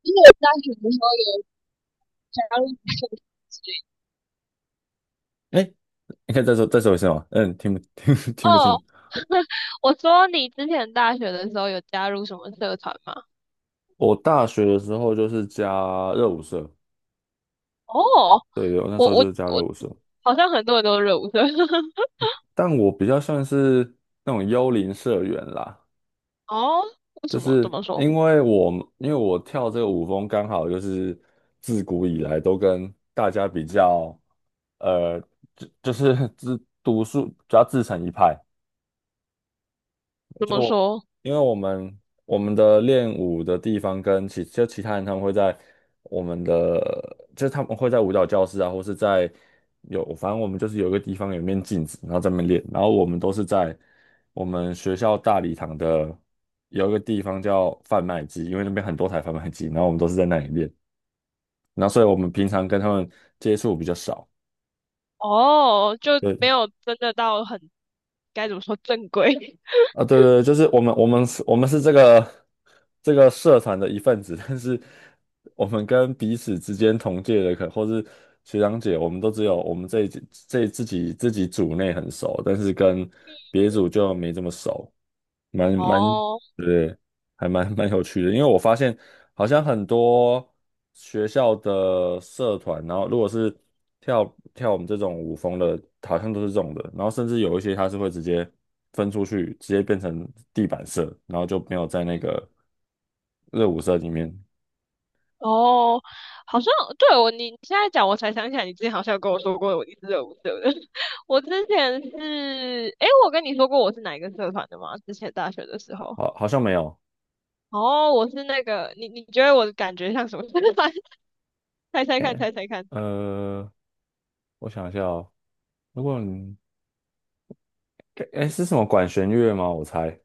因为我大学的时候有加入社团之类的，哎，你可以再说一次吗？嗯，听不清哦，楚。我说你之前大学的时候有加入什么社团吗？我大学的时候就是加热舞社。哦，对，对，我那我时候就我是加热我舞社，好像很多人都是热舞社。但我比较算是那种幽灵社员啦。哦，为就什么是这么说？因为我因为我跳这个舞风，刚好就是自古以来都跟大家比较，呃，就是自独树，主要自成一派。怎就么我说？因为我们的练舞的地方跟其他人，他们会在我们的，就是他们会在舞蹈教室啊，或是在，有反正我们就是有一个地方有一面镜子，然后在那边练。然后我们都是在我们学校大礼堂的有一个地方叫贩卖机，因为那边很多台贩卖机，然后我们都是在那里练。然后所以我们平常跟他们接触比较少。哦，就没对。有真的到很该怎么说正规。啊，对对对，就是我们是这个社团的一份子，但是我们跟彼此之间同届的或是学长姐，我们都只有我们这自己组内很熟，但是跟别组就没这么熟。蛮 蛮，哦，对，还蛮有趣的。因为我发现好像很多学校的社团，然后如果是跳跳我们这种舞风的，好像都是这种的，然后甚至有一些它是会直接分出去，直接变成地板社，然后就没有在那个热舞社里面。哦，好像对我你现在讲，我才想起来，你之前好像有跟我说过你是热舞社的。我之前是，诶，我跟你说过我是哪一个社团的吗？之前大学的时候，好像没有。哦，我是那个，你觉得我的感觉像什么社团？猜猜看，哎，猜猜看。呃，我想一下哦。如果你，哎，是什么管弦乐吗？我猜。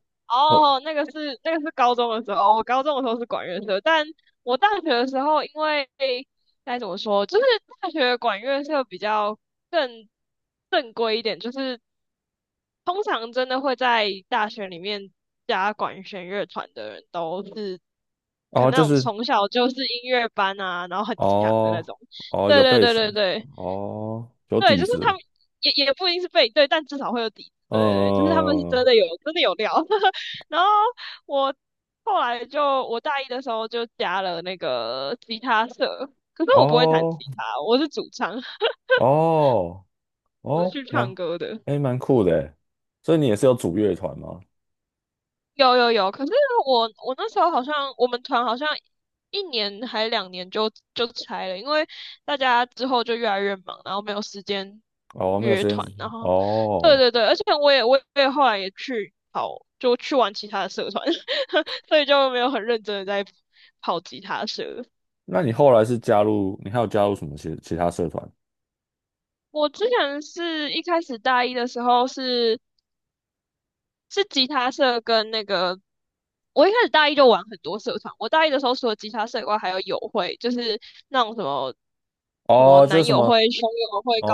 哦哦，那个是高中的时候，哦我高中的时候是管乐社，但我大学的时候，因为该怎么说，就是大学管乐社比较更正规一点，就是通常真的会在大学里面加管弦乐团的人，都是可哦，能那就种是。从小就是音乐班啊，然后很强的那哦种。哦，有对对背对对景。对哦，有对，底就是他子。们也不一定是背对，但至少会有底子对对对，就是嗯。他们是真的有料。然后我后来就我大一的时候就加了那个吉他社，可是我不会弹吉哦他，我是主唱，哦我是哦，去唱蛮，歌的。哎，蛮酷的诶，所以你也是有组乐团吗？有有有，可是我那时候好像我们团好像1年还2年就拆了，因为大家之后就越来越忙，然后没有时间哦，没有约时间。团，然后对哦，对对，而且我也后来也去跑，就去玩其他的社团，所以就没有很认真的在跑吉他社。那你后来是加入，你还有加入什么其他社团？我之前是一开始大一的时候是吉他社跟那个，我一开始大一就玩很多社团。我大一的时候除了吉他社以外，还有友会，就是那种什么哦，就是男什友么。会、兄友会、高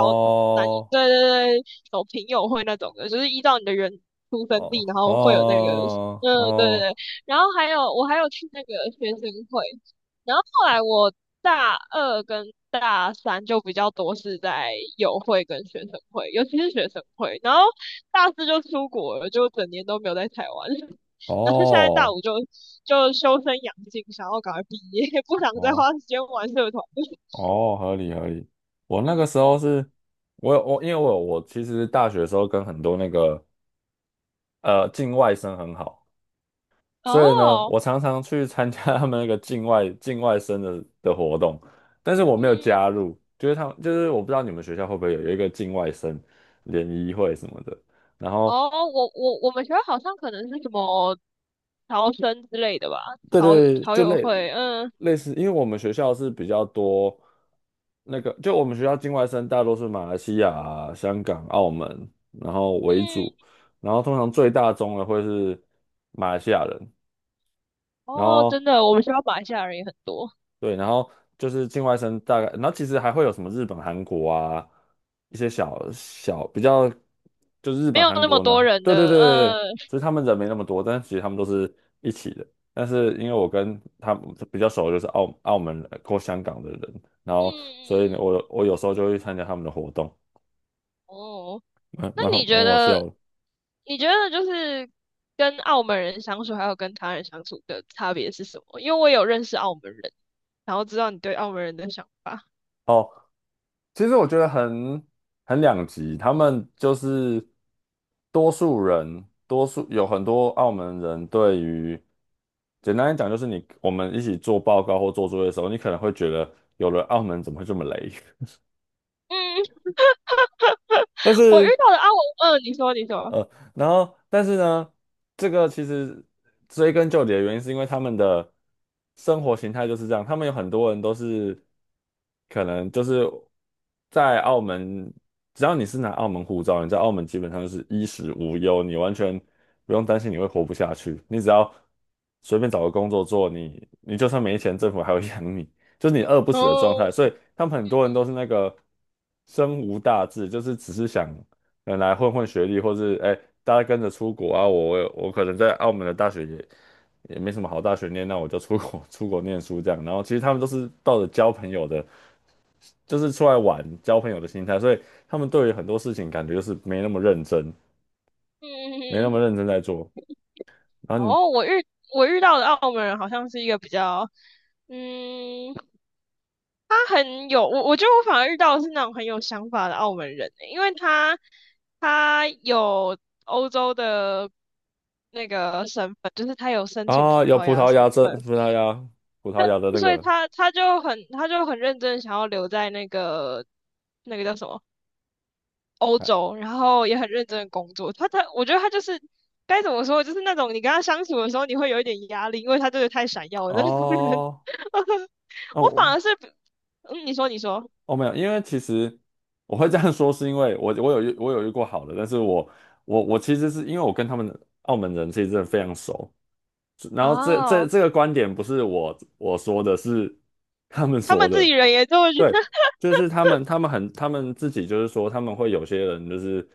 男友，对对对，什么平友会那种的，就是依照你的人出生哦地，然后会有那个，哦嗯，对对哦对。然后还有我还有去那个学生会，然后后来我大二跟大三就比较多是在友会跟学生会，尤其是学生会。然后大四就出国了，就整年都没有在台湾。哦然后现在大哦。五就修身养性，想要赶快毕业，不想再哦花时间玩社团。哦，合理合理。我那个时候是，我有我因为我有我其实大学的时候跟很多那个境外生很好，所以呢，哦，我常常去参加 他们那个境外生的活动，但是我没有嗯，加入。就是他们，就是我不知道你们学校会不会有一个境外生联谊会什么的。然后哦，我们学校好像可能是什么侨生之类的吧，对对，侨友会，嗯类似，因为我们学校是比较多那个，就我们学校境外生大多是马来西亚啊、香港、澳门，然后为主，嗯，然后通常最大宗的会是马来西亚人。然哦，后真的，我们学校马来西亚人也很多，对，然后就是境外生大概，然后其实还会有什么日本、韩国啊，一些小小比较，就是日没本、有韩那么国多呢，人对对的，对对，嗯其实他们人没那么多，但是其实他们都是一起的。但是因为我跟他们比较熟，就是澳门人或香港的人，然嗯后所以呢，嗯，我有时候就会参加他们的活动，哦，那你觉蛮好得笑的。你觉得就是跟澳门人相处，还有跟他人相处的差别是什么？因为我有认识澳门人，然后知道你对澳门人的想法。哦，其实我觉得很两极。他们就是多数人，多数，有很多澳门人对于，简单来讲就是你，我们一起做报告或做作业的时候，你可能会觉得有了澳门怎么会这么雷？嗯，但我遇是。到的澳门，嗯，你说，你说，呃，然后但是呢，这个其实追根究底的原因是因为他们的生活形态就是这样。他们有很多人都是可能就是在澳门，只要你是拿澳门护照，你在澳门基本上就是衣食无忧。你完全不用担心你会活不下去，你只要随便找个工作做，你就算没钱，政府还会 养你。就是你饿不死的状哦，态，所以他们很多人都是那个生无大志，就是只是想。来混混学历，或是哎，大家跟着出国啊，我可能在澳门的大学也没什么好大学念，那我就出国 出国念书这样。然后其实他们都是抱着交朋友的，就是出来玩交朋友的心态，所以他们对于很多事情感觉就是没那么认真，没那嗯，嗯么认真在做。然后你哦，我遇到的澳门人好像是一个比较，嗯，他很有，我觉得我反而遇到的是那种很有想法的澳门人欸，因为他有欧洲的那个身份，就是他有申请葡啊，有萄葡牙的萄身牙这份。葡萄牙葡萄牙的那所以个，他就很认真想要留在那个叫什么欧哎。洲，然后也很认真的工作。他我觉得他就是该怎么说，就是那种你跟他相处的时候你会有一点压力，因为他真的太闪耀了那种人。哦，那、我反我，而是，嗯，你说你说哦，没有，因为其实我会这样说，是因为我有遇过好的。但是，我其实是因为我跟他们澳门人其实真的非常熟。然后哦，这个观点不是我说的，是他们他说们自己的。人也这么觉得。对，就是他们，他们很，他们自己就是说，他们会有些人就是，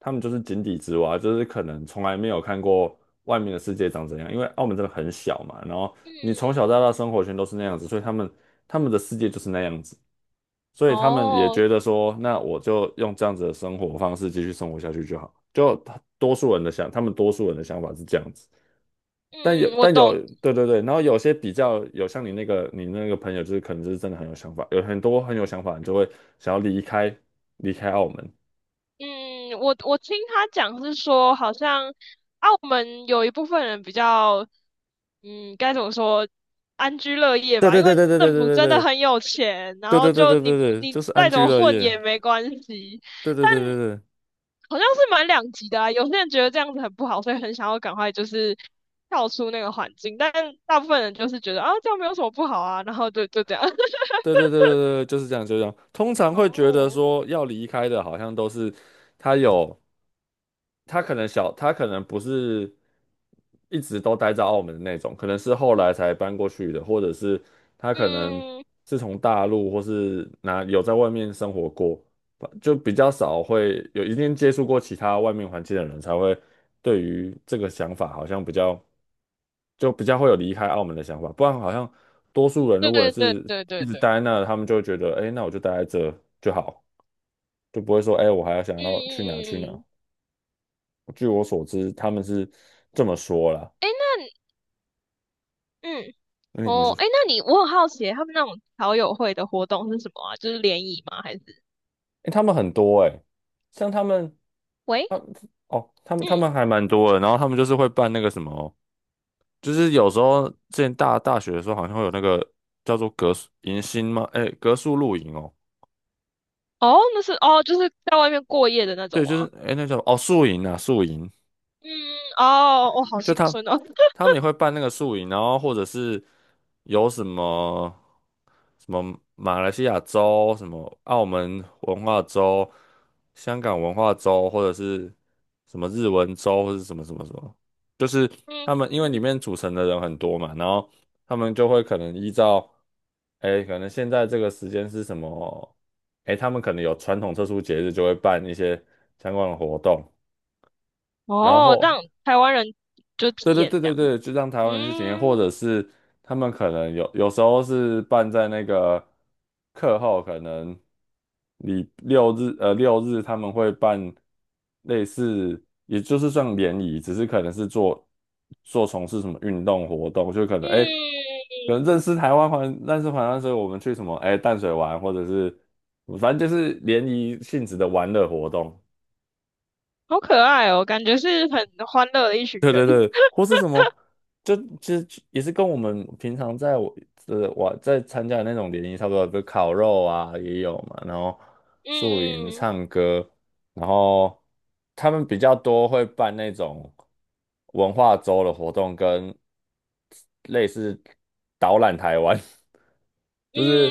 他们就是井底之蛙，就是可能从来没有看过外面的世界长怎样，因为澳门真的很小嘛，然后 你从小到嗯，大生活圈都是那样子，所以他们的世界就是那样子，所以他们也哦，觉得说，那我就用这样子的生活方式继续生活下去就好，就多数人的想，他们多数人的想法是这样子。但有嗯，我但有懂。对对对，然后有些比较有像你那个朋友，就是可能就是真的很有想法，有很多很有想法，你就会想要离开澳门。嗯，我听他讲是说，好像澳门有一部分人比较，嗯，该怎么说，安居乐业对吧，对因对为对对对政府对对真的很有钱，然对后对对对就对你对对，你就是安再怎居么乐混业。也没关系，对对但对对对。好像是蛮两极的啊，有些人觉得这样子很不好，所以很想要赶快就是跳出那个环境，但大部分人就是觉得啊，这样没有什么不好啊，然后就这样，对对对对对，就是这样，就是这样。通常会觉得哦，说要离开的，好像都是他有，他可能小，他可能不是一直都待在澳门的那种，可能是后来才搬过去的，或者是他可能嗯，是从大陆或是哪有在外面生活过，就比较少，会有一定接触过其他外面环境的人，才会对于这个想法好像比较。就比较会有离开澳门的想法。不然好像多数人对如果对是对一对直对，待在那，他们就会觉得，哎，那我就待在这就好，就不会说，哎，我还要想嗯要去哪去哪。嗯嗯据我所知，他们是这么说啦。嗯。那。嗯，那你哦，说，哎，那你我很好奇，他们那种好友会的活动是什么啊？就是联谊吗？还是？哎，他们很多，哎，像他们，喂，他，哦，他们嗯，还蛮多的，然后他们就是会办那个什么，就是有时候之前大学的时候，好像会有那个叫做格宿迎新吗？哎，格宿露营哦。哦，那是哦，就是在外面过夜的那种对，就吗？是哎，那叫哦，宿营啊，宿营。嗯，哦，我、哦好就心酸哦。他们也会办那个宿营，然后或者是有什么什么马来西亚州、什么澳门文化州、香港文化州，或者是什么日文州，或者是什么什么什么，就是嗯，他们因为里面组成的人很多嘛，然后他们就会可能依照，哎，可能现在这个时间是什么，哎，他们可能有传统特殊节日，就会办一些相关的活动。然哦，后让台湾人就对体对验对这对样。对，就让台湾人去体验，或嗯者是他们可能有时候是办在那个课后，可能你六日他们会办类似，也就是算联谊，只是可能是做从事什么运动活动，就可能哎，嗯，可能认识台湾，所以我们去什么哎淡水玩，或者是反正就是联谊性质的玩乐活动。好可爱哦，感觉是很欢乐的一群对人。对对，或是什么，就其实也是跟我们平常在我在参加的那种联谊差不多，比如烤肉啊也有嘛，然后宿营、嗯唱歌，然后他们比较多会办那种文化周的活动，跟类似导览台湾。就是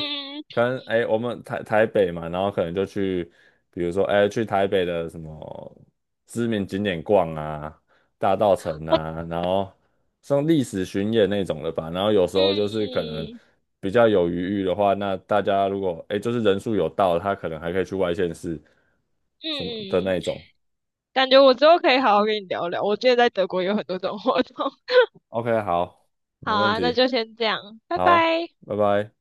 可能哎、我们台北嘛，然后可能就去，比如说哎、去台北的什么知名景点逛啊，大道城啊，然后像历史巡演那种的吧。然后有时候嗯就是可能嗯，比较有余裕的话，那大家如果哎、就是人数有到，他可能还可以去外县市什么的嗯，那种。感觉我之后可以好好跟你聊聊。我之得在德国有很多这种活动。OK，好，没好问啊，那题。就先这样，拜好，拜。拜拜。